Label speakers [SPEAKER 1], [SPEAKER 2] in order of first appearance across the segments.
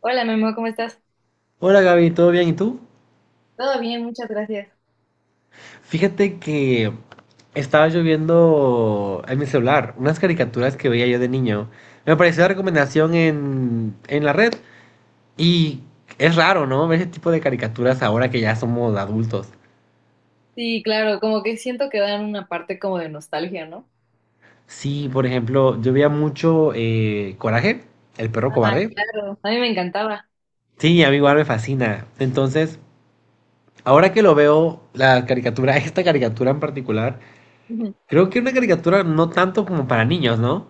[SPEAKER 1] Hola, Memo, ¿cómo estás?
[SPEAKER 2] Hola Gaby, ¿todo bien? ¿Y tú?
[SPEAKER 1] Todo bien, muchas gracias.
[SPEAKER 2] Fíjate que estaba yo viendo en mi celular unas caricaturas que veía yo de niño. Me apareció la recomendación en la red y es raro, ¿no? Ver ese tipo de caricaturas ahora que ya somos adultos.
[SPEAKER 1] Sí, claro, como que siento que dan una parte como de nostalgia, ¿no?
[SPEAKER 2] Sí, por ejemplo, yo veía mucho Coraje, el perro
[SPEAKER 1] Ah,
[SPEAKER 2] cobarde.
[SPEAKER 1] claro. A mí me encantaba.
[SPEAKER 2] Sí, a mí igual me fascina. Entonces, ahora que lo veo, la caricatura, esta caricatura en particular,
[SPEAKER 1] Ujú.
[SPEAKER 2] creo que era una caricatura no tanto como para niños, ¿no?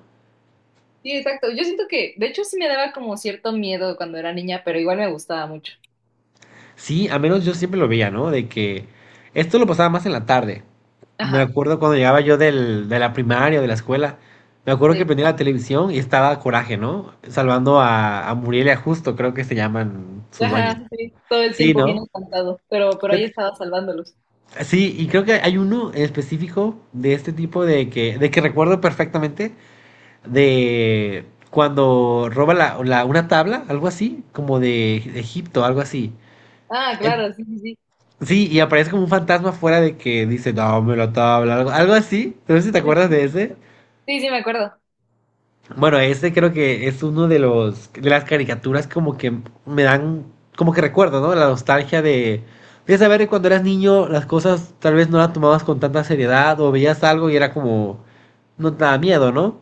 [SPEAKER 1] Sí, exacto. Yo siento que, de hecho, sí me daba como cierto miedo cuando era niña, pero igual me gustaba mucho.
[SPEAKER 2] Sí, al menos yo siempre lo veía, ¿no? De que esto lo pasaba más en la tarde. Me
[SPEAKER 1] Ajá,
[SPEAKER 2] acuerdo cuando llegaba yo de la primaria, o de la escuela. Me acuerdo que
[SPEAKER 1] sí.
[SPEAKER 2] prendía la televisión y estaba Coraje, ¿no? Salvando a Muriel y a Justo, creo que se llaman sus dueños.
[SPEAKER 1] Ajá, sí, todo el
[SPEAKER 2] Sí,
[SPEAKER 1] tiempo bien
[SPEAKER 2] ¿no?
[SPEAKER 1] encantado, pero ahí
[SPEAKER 2] Pero-
[SPEAKER 1] estaba salvándolos.
[SPEAKER 2] sí, y creo que hay uno en específico de este tipo de que recuerdo perfectamente de cuando roba una tabla, algo así, como de Egipto, algo así.
[SPEAKER 1] Ah, claro, sí, sí, sí.
[SPEAKER 2] Sí, y aparece como un fantasma fuera de que dice, no, me lo tabla, algo, algo así. No sé si te acuerdas de ese.
[SPEAKER 1] Sí, sí, me acuerdo.
[SPEAKER 2] Bueno, ese creo que es uno de los de las caricaturas como que me dan, como que recuerdo, ¿no? La nostalgia de saber que cuando eras niño las cosas tal vez no las tomabas con tanta seriedad o veías algo y era como, no te daba miedo, ¿no?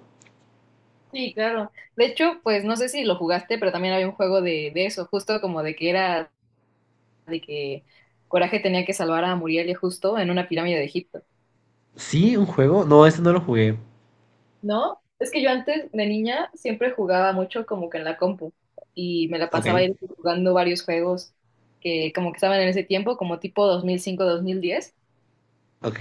[SPEAKER 1] Sí, claro. De hecho, pues no sé si lo jugaste, pero también había un juego de eso, justo como de que era de que Coraje tenía que salvar a Muriel Justo en una pirámide de Egipto,
[SPEAKER 2] Sí, un juego. No, ese no lo jugué.
[SPEAKER 1] ¿no? Es que yo antes de niña siempre jugaba mucho como que en la compu y me la
[SPEAKER 2] Ok,
[SPEAKER 1] pasaba ahí jugando varios juegos que como que estaban en ese tiempo, como tipo dos dos mil cinco mil diez.
[SPEAKER 2] ok.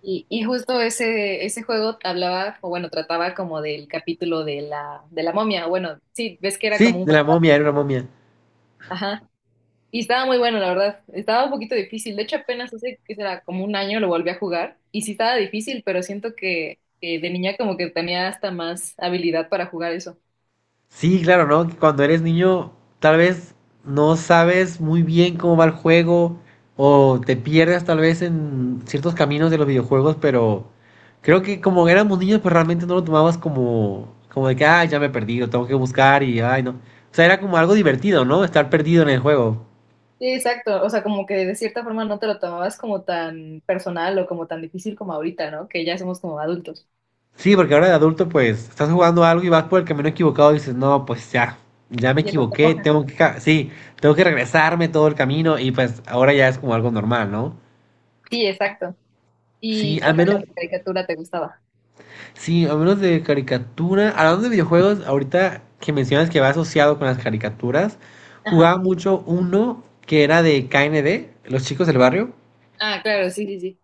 [SPEAKER 1] Y justo ese, ese juego hablaba, o bueno, trataba como del capítulo de la momia, o bueno, sí, ves que era como
[SPEAKER 2] Sí,
[SPEAKER 1] un...
[SPEAKER 2] de la momia, era una momia.
[SPEAKER 1] Ajá. Y estaba muy bueno, la verdad. Estaba un poquito difícil. De hecho, apenas hace, ¿que será? Como un año lo volví a jugar. Y sí estaba difícil, pero siento que de niña como que tenía hasta más habilidad para jugar eso.
[SPEAKER 2] Sí, claro, ¿no? Que cuando eres niño, tal vez no sabes muy bien cómo va el juego o te pierdes tal vez en ciertos caminos de los videojuegos, pero creo que como éramos niños, pues realmente no lo tomabas como, como de que, ah, ya me perdí, lo tengo que buscar y, ay, no. O sea, era como algo divertido, ¿no? Estar perdido en el juego.
[SPEAKER 1] Sí, exacto. O sea, como que de cierta forma no te lo tomabas como tan personal o como tan difícil como ahorita, ¿no? Que ya somos como adultos.
[SPEAKER 2] Sí, porque ahora de adulto, pues, estás jugando algo y vas por el camino equivocado y dices, no, pues ya, ya me
[SPEAKER 1] Y eso te
[SPEAKER 2] equivoqué,
[SPEAKER 1] enoja.
[SPEAKER 2] tengo que, sí, tengo que regresarme todo el camino y pues ahora ya es como algo normal, ¿no?
[SPEAKER 1] Sí, exacto.
[SPEAKER 2] Sí,
[SPEAKER 1] ¿Y qué
[SPEAKER 2] al
[SPEAKER 1] otra
[SPEAKER 2] menos,
[SPEAKER 1] caricatura te gustaba?
[SPEAKER 2] sí, al menos de caricatura. Hablando de videojuegos, ahorita que mencionas que va asociado con las caricaturas,
[SPEAKER 1] Ajá.
[SPEAKER 2] jugaba mucho uno que era de KND, Los Chicos del Barrio.
[SPEAKER 1] Ah, claro, sí, sí, sí.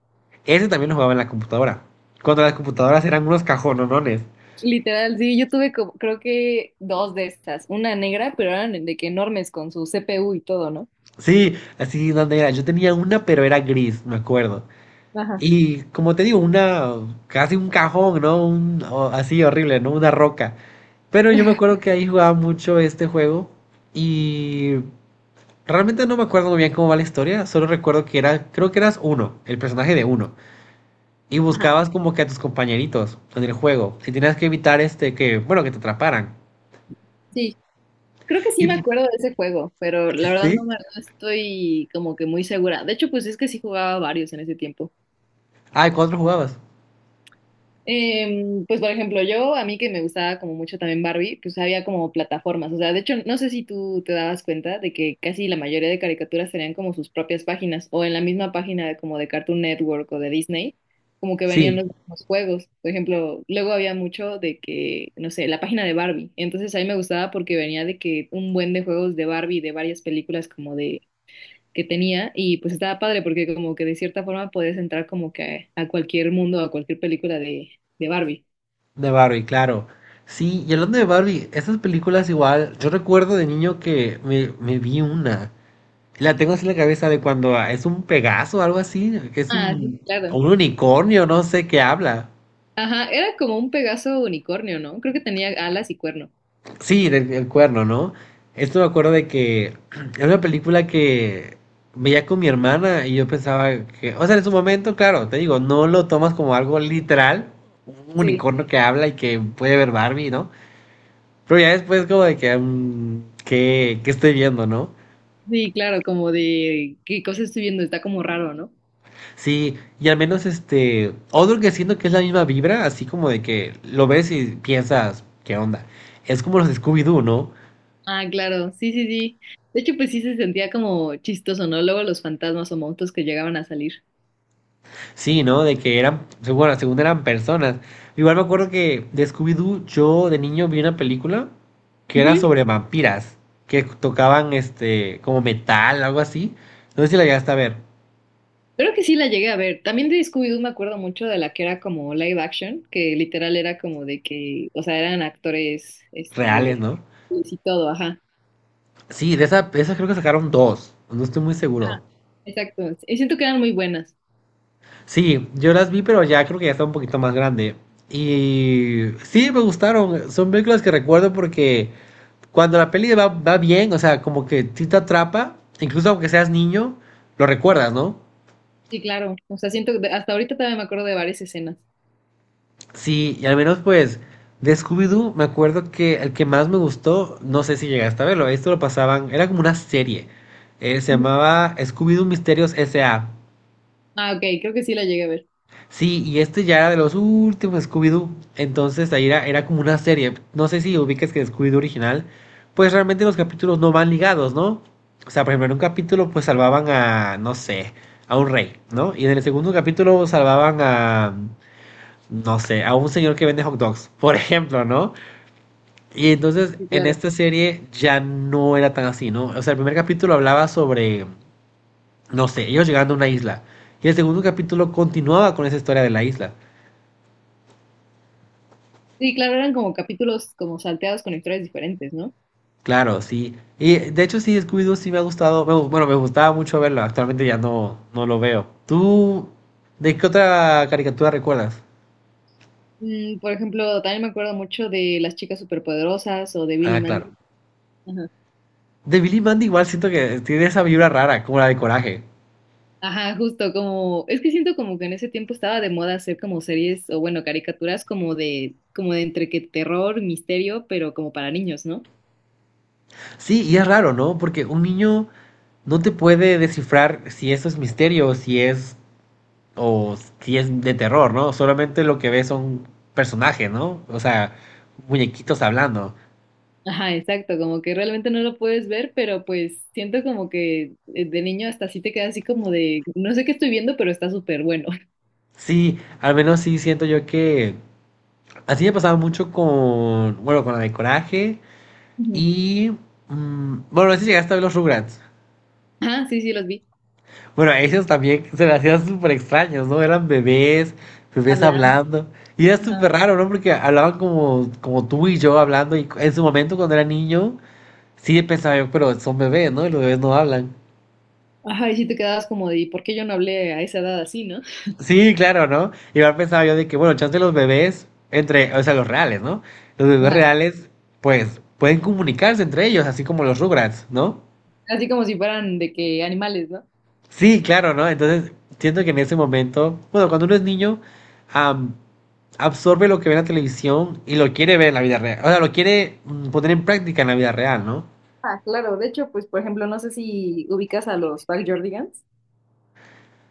[SPEAKER 2] Ese también lo jugaba en la computadora. Cuando las computadoras eran unos cajonones.
[SPEAKER 1] Literal, sí, yo tuve como, creo que dos de estas. Una negra, pero eran de que enormes con su CPU y todo, ¿no?
[SPEAKER 2] Sí, así donde era. Yo tenía una, pero era gris, me acuerdo.
[SPEAKER 1] Ajá.
[SPEAKER 2] Y como te digo, una, casi un cajón, ¿no? Un, así horrible, ¿no? Una roca. Pero yo me acuerdo que ahí jugaba mucho este juego. Y realmente no me acuerdo muy bien cómo va la historia, solo recuerdo que era, creo que eras uno, el personaje de uno, y
[SPEAKER 1] Ajá,
[SPEAKER 2] buscabas como que a tus compañeritos en el juego, y tenías que evitar este que, bueno, que te atraparan.
[SPEAKER 1] sí, creo que sí
[SPEAKER 2] Y
[SPEAKER 1] me
[SPEAKER 2] pu-
[SPEAKER 1] acuerdo de ese juego, pero la verdad
[SPEAKER 2] sí.
[SPEAKER 1] no, no estoy como que muy segura. De hecho, pues es que sí jugaba varios en ese tiempo.
[SPEAKER 2] Ah, ¿y cuatro jugabas?
[SPEAKER 1] Pues por ejemplo, yo, a mí que me gustaba como mucho también Barbie, pues había como plataformas, o sea, de hecho, no sé si tú te dabas cuenta de que casi la mayoría de caricaturas tenían como sus propias páginas o en la misma página como de Cartoon Network o de Disney, como que venían
[SPEAKER 2] Sí,
[SPEAKER 1] los juegos, por ejemplo, luego había mucho de que, no sé, la página de Barbie, entonces a mí me gustaba porque venía de que un buen de juegos de Barbie, de varias películas como de que tenía y pues estaba padre porque como que de cierta forma podías entrar como que a cualquier mundo, a cualquier película de Barbie.
[SPEAKER 2] de Barbie, claro. Sí, y hablando de Barbie, estas películas igual, yo recuerdo de niño que me vi una. La tengo así en la cabeza de cuando ah, es un Pegaso o algo así, que es
[SPEAKER 1] Ah, sí,
[SPEAKER 2] un, o
[SPEAKER 1] claro.
[SPEAKER 2] un unicornio, no sé qué habla.
[SPEAKER 1] Ajá, era como un Pegaso unicornio, ¿no? Creo que tenía alas y cuerno.
[SPEAKER 2] Sí, del cuerno, ¿no? Esto me acuerdo de que era una película que veía con mi hermana y yo pensaba que, o sea, en su momento, claro, te digo, no lo tomas como algo literal, un
[SPEAKER 1] Sí.
[SPEAKER 2] unicornio que habla y que puede ver Barbie, ¿no? Pero ya después como de que, mm, qué que estoy viendo, ¿no?
[SPEAKER 1] Sí, claro, como de qué cosa estoy viendo, está como raro, ¿no?
[SPEAKER 2] Sí, y al menos este, otro que siento que es la misma vibra, así como de que lo ves y piensas, ¿qué onda? Es como los de Scooby-Doo, ¿no?
[SPEAKER 1] Ah, claro, sí, sí, sí. De hecho, pues sí se sentía como chistoso, ¿no? Luego los fantasmas o monstruos que llegaban a salir.
[SPEAKER 2] Sí, ¿no? De que eran, bueno, según eran personas. Igual me acuerdo que de Scooby-Doo, yo de niño vi una película que era
[SPEAKER 1] Ujú.
[SPEAKER 2] sobre vampiras, que tocaban este, como metal, algo así. No sé si la llegaste a ver.
[SPEAKER 1] Creo que sí la llegué a ver. También de Scooby-Doo me acuerdo mucho de la que era como live action, que literal era como de que, o sea, eran actores, este,
[SPEAKER 2] Reales, ¿no?
[SPEAKER 1] y todo, ajá.
[SPEAKER 2] Sí, de esa, de esas creo que sacaron dos. No estoy muy
[SPEAKER 1] Ajá.
[SPEAKER 2] seguro.
[SPEAKER 1] Exacto. Y siento que eran muy buenas.
[SPEAKER 2] Sí, yo las vi, pero ya creo que ya estaba un poquito más grande. Y sí, me gustaron. Son películas que recuerdo porque cuando la peli va bien, o sea, como que sí te atrapa, incluso aunque seas niño, lo recuerdas, ¿no?
[SPEAKER 1] Sí, claro. O sea, siento que hasta ahorita todavía me acuerdo de varias escenas.
[SPEAKER 2] Sí, y al menos pues de Scooby-Doo me acuerdo que el que más me gustó, no sé si llegaste a verlo, esto lo pasaban, era como una serie, se
[SPEAKER 1] Ujú.
[SPEAKER 2] llamaba Scooby-Doo Misterios S.A.
[SPEAKER 1] Ah, ok, creo que sí la llegué a ver.
[SPEAKER 2] Sí, y este ya era de los últimos Scooby-Doo. Entonces ahí era, era como una serie. No sé si ubicas que Scooby-Doo original, pues realmente los capítulos no van ligados, ¿no? O sea, por ejemplo, en un capítulo pues salvaban a, no sé, a un rey, ¿no? Y en el segundo capítulo salvaban a, no sé, a un señor que vende hot dogs, por ejemplo, ¿no? Y entonces
[SPEAKER 1] Sí,
[SPEAKER 2] en
[SPEAKER 1] claro.
[SPEAKER 2] esta serie ya no era tan así, ¿no? O sea, el primer capítulo hablaba sobre, no sé, ellos llegando a una isla. Y el segundo capítulo continuaba con esa historia de la isla.
[SPEAKER 1] Sí, claro, eran como capítulos como salteados con historias diferentes, ¿no?
[SPEAKER 2] Claro, sí. Y de hecho sí, Scooby-Doo sí me ha gustado, bueno, me gustaba mucho verlo, actualmente ya no, no lo veo. ¿Tú de qué otra caricatura recuerdas?
[SPEAKER 1] Mm, por ejemplo, también me acuerdo mucho de Las Chicas Superpoderosas o de Billy
[SPEAKER 2] Ah, claro.
[SPEAKER 1] Mandy.
[SPEAKER 2] De Billy y Mandy igual siento que tiene esa vibra rara, como la de Coraje.
[SPEAKER 1] Ajá, justo como, es que siento como que en ese tiempo estaba de moda hacer como series o bueno, caricaturas como de entre que terror, misterio, pero como para niños, ¿no?
[SPEAKER 2] Sí, y es raro, ¿no? Porque un niño no te puede descifrar si eso es misterio, si es, o si es de terror, ¿no? Solamente lo que ve son personajes, ¿no? O sea, muñequitos hablando.
[SPEAKER 1] Ajá, exacto, como que realmente no lo puedes ver, pero pues siento como que de niño hasta así te queda así como de, no sé qué estoy viendo, pero está súper bueno.
[SPEAKER 2] Sí, al menos sí siento yo que así me pasaba mucho con, bueno, con la de Coraje
[SPEAKER 1] Ujú.
[SPEAKER 2] y, mm, bueno, a veces llegaste a ver los Rugrats.
[SPEAKER 1] Ajá, sí, sí, los vi.
[SPEAKER 2] Bueno, a ellos también se me hacían súper extraños, ¿no? Eran bebés, bebés
[SPEAKER 1] Hablando.
[SPEAKER 2] hablando. Y era
[SPEAKER 1] Ajá.
[SPEAKER 2] súper raro, ¿no? Porque hablaban como, como tú y yo hablando. Y en su momento, cuando era niño, sí pensaba yo, pero son bebés, ¿no? Y los bebés no hablan.
[SPEAKER 1] Ajá, y sí te quedabas como de, ¿y por qué yo no hablé a esa edad así, no?
[SPEAKER 2] Sí, claro, ¿no? Igual pensaba yo de que, bueno, chance los bebés, entre, o sea, los reales, ¿no? Los bebés
[SPEAKER 1] Ajá.
[SPEAKER 2] reales, pues, pueden comunicarse entre ellos, así como los Rugrats, ¿no?
[SPEAKER 1] Así como si fueran de que animales, ¿no?
[SPEAKER 2] Sí, claro, ¿no? Entonces, siento que en ese momento, bueno, cuando uno es niño, am, absorbe lo que ve en la televisión y lo quiere ver en la vida real. O sea, lo quiere poner en práctica en la vida real, ¿no?
[SPEAKER 1] Ah, claro, de hecho, pues por ejemplo, no sé si ubicas a los Jordigans.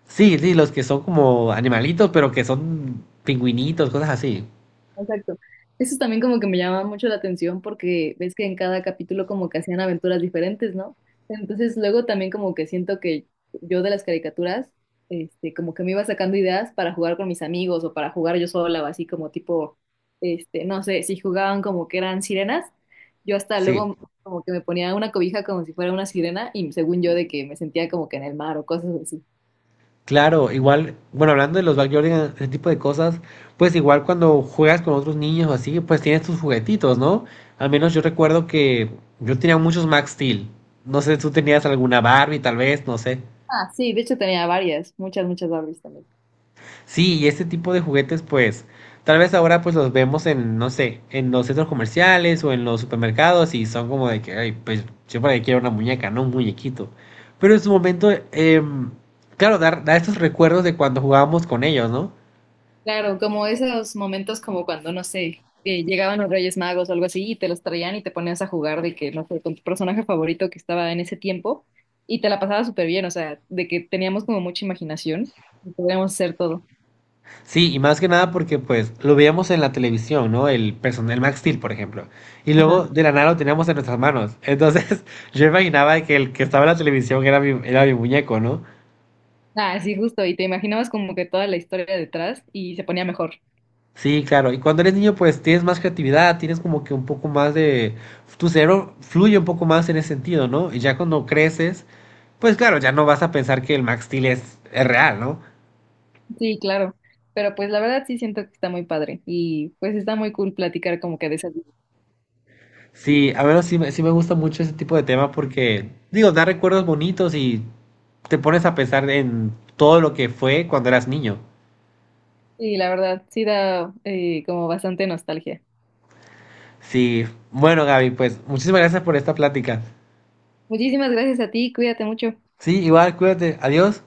[SPEAKER 2] Sí, sí, los que son como animalitos, pero que son pingüinitos, cosas así.
[SPEAKER 1] Exacto. Eso también como que me llama mucho la atención porque ves que en cada capítulo como que hacían aventuras diferentes, ¿no? Entonces luego también como que siento que yo de las caricaturas, este, como que me iba sacando ideas para jugar con mis amigos o para jugar yo sola o así como tipo, este, no sé, si jugaban como que eran sirenas, yo hasta
[SPEAKER 2] Sí,
[SPEAKER 1] luego como que me ponía una cobija como si fuera una sirena y según yo de que me sentía como que en el mar o cosas así.
[SPEAKER 2] claro, igual, bueno, hablando de los backyardigans, ese tipo de cosas, pues igual cuando juegas con otros niños o así, pues tienes tus juguetitos, ¿no? Al menos yo recuerdo que yo tenía muchos Max Steel. No sé, tú tenías alguna Barbie, tal vez, no sé.
[SPEAKER 1] Ah, sí, de hecho tenía varias, muchas Barbies también.
[SPEAKER 2] Sí, y este tipo de juguetes, pues, tal vez ahora pues los vemos en, no sé, en los centros comerciales o en los supermercados y son como de que, ay, pues yo para qué quiero una muñeca, no un muñequito. Pero en su momento, claro, dar, da estos recuerdos de cuando jugábamos con ellos, ¿no?
[SPEAKER 1] Claro, como esos momentos como cuando, no sé, que llegaban los Reyes Magos o algo así y te los traían y te ponías a jugar de que, no sé, con tu personaje favorito que estaba en ese tiempo y te la pasabas súper bien, o sea, de que teníamos como mucha imaginación y podíamos hacer todo.
[SPEAKER 2] Sí, y más que nada porque pues lo veíamos en la televisión, ¿no? El personal Max Steel, por ejemplo. Y luego
[SPEAKER 1] Ajá.
[SPEAKER 2] de la nada lo teníamos en nuestras manos. Entonces yo imaginaba que el que estaba en la televisión era mi muñeco, ¿no?
[SPEAKER 1] Ah, sí, justo, y te imaginabas como que toda la historia detrás y se ponía mejor.
[SPEAKER 2] Sí, claro. Y cuando eres niño, pues tienes más creatividad, tienes como que un poco más de... Tu cerebro fluye un poco más en ese sentido, ¿no? Y ya cuando creces, pues claro, ya no vas a pensar que el Max Steel es real, ¿no?
[SPEAKER 1] Sí, claro, pero pues la verdad sí siento que está muy padre y pues está muy cool platicar como que de esas.
[SPEAKER 2] Sí, a menos sí, sí me gusta mucho ese tipo de tema porque, digo, da recuerdos bonitos y te pones a pensar en todo lo que fue cuando eras niño.
[SPEAKER 1] Sí, la verdad, sí da como bastante nostalgia.
[SPEAKER 2] Sí, bueno, Gaby, pues muchísimas gracias por esta plática.
[SPEAKER 1] Muchísimas gracias a ti, cuídate mucho.
[SPEAKER 2] Sí, igual, cuídate. Adiós.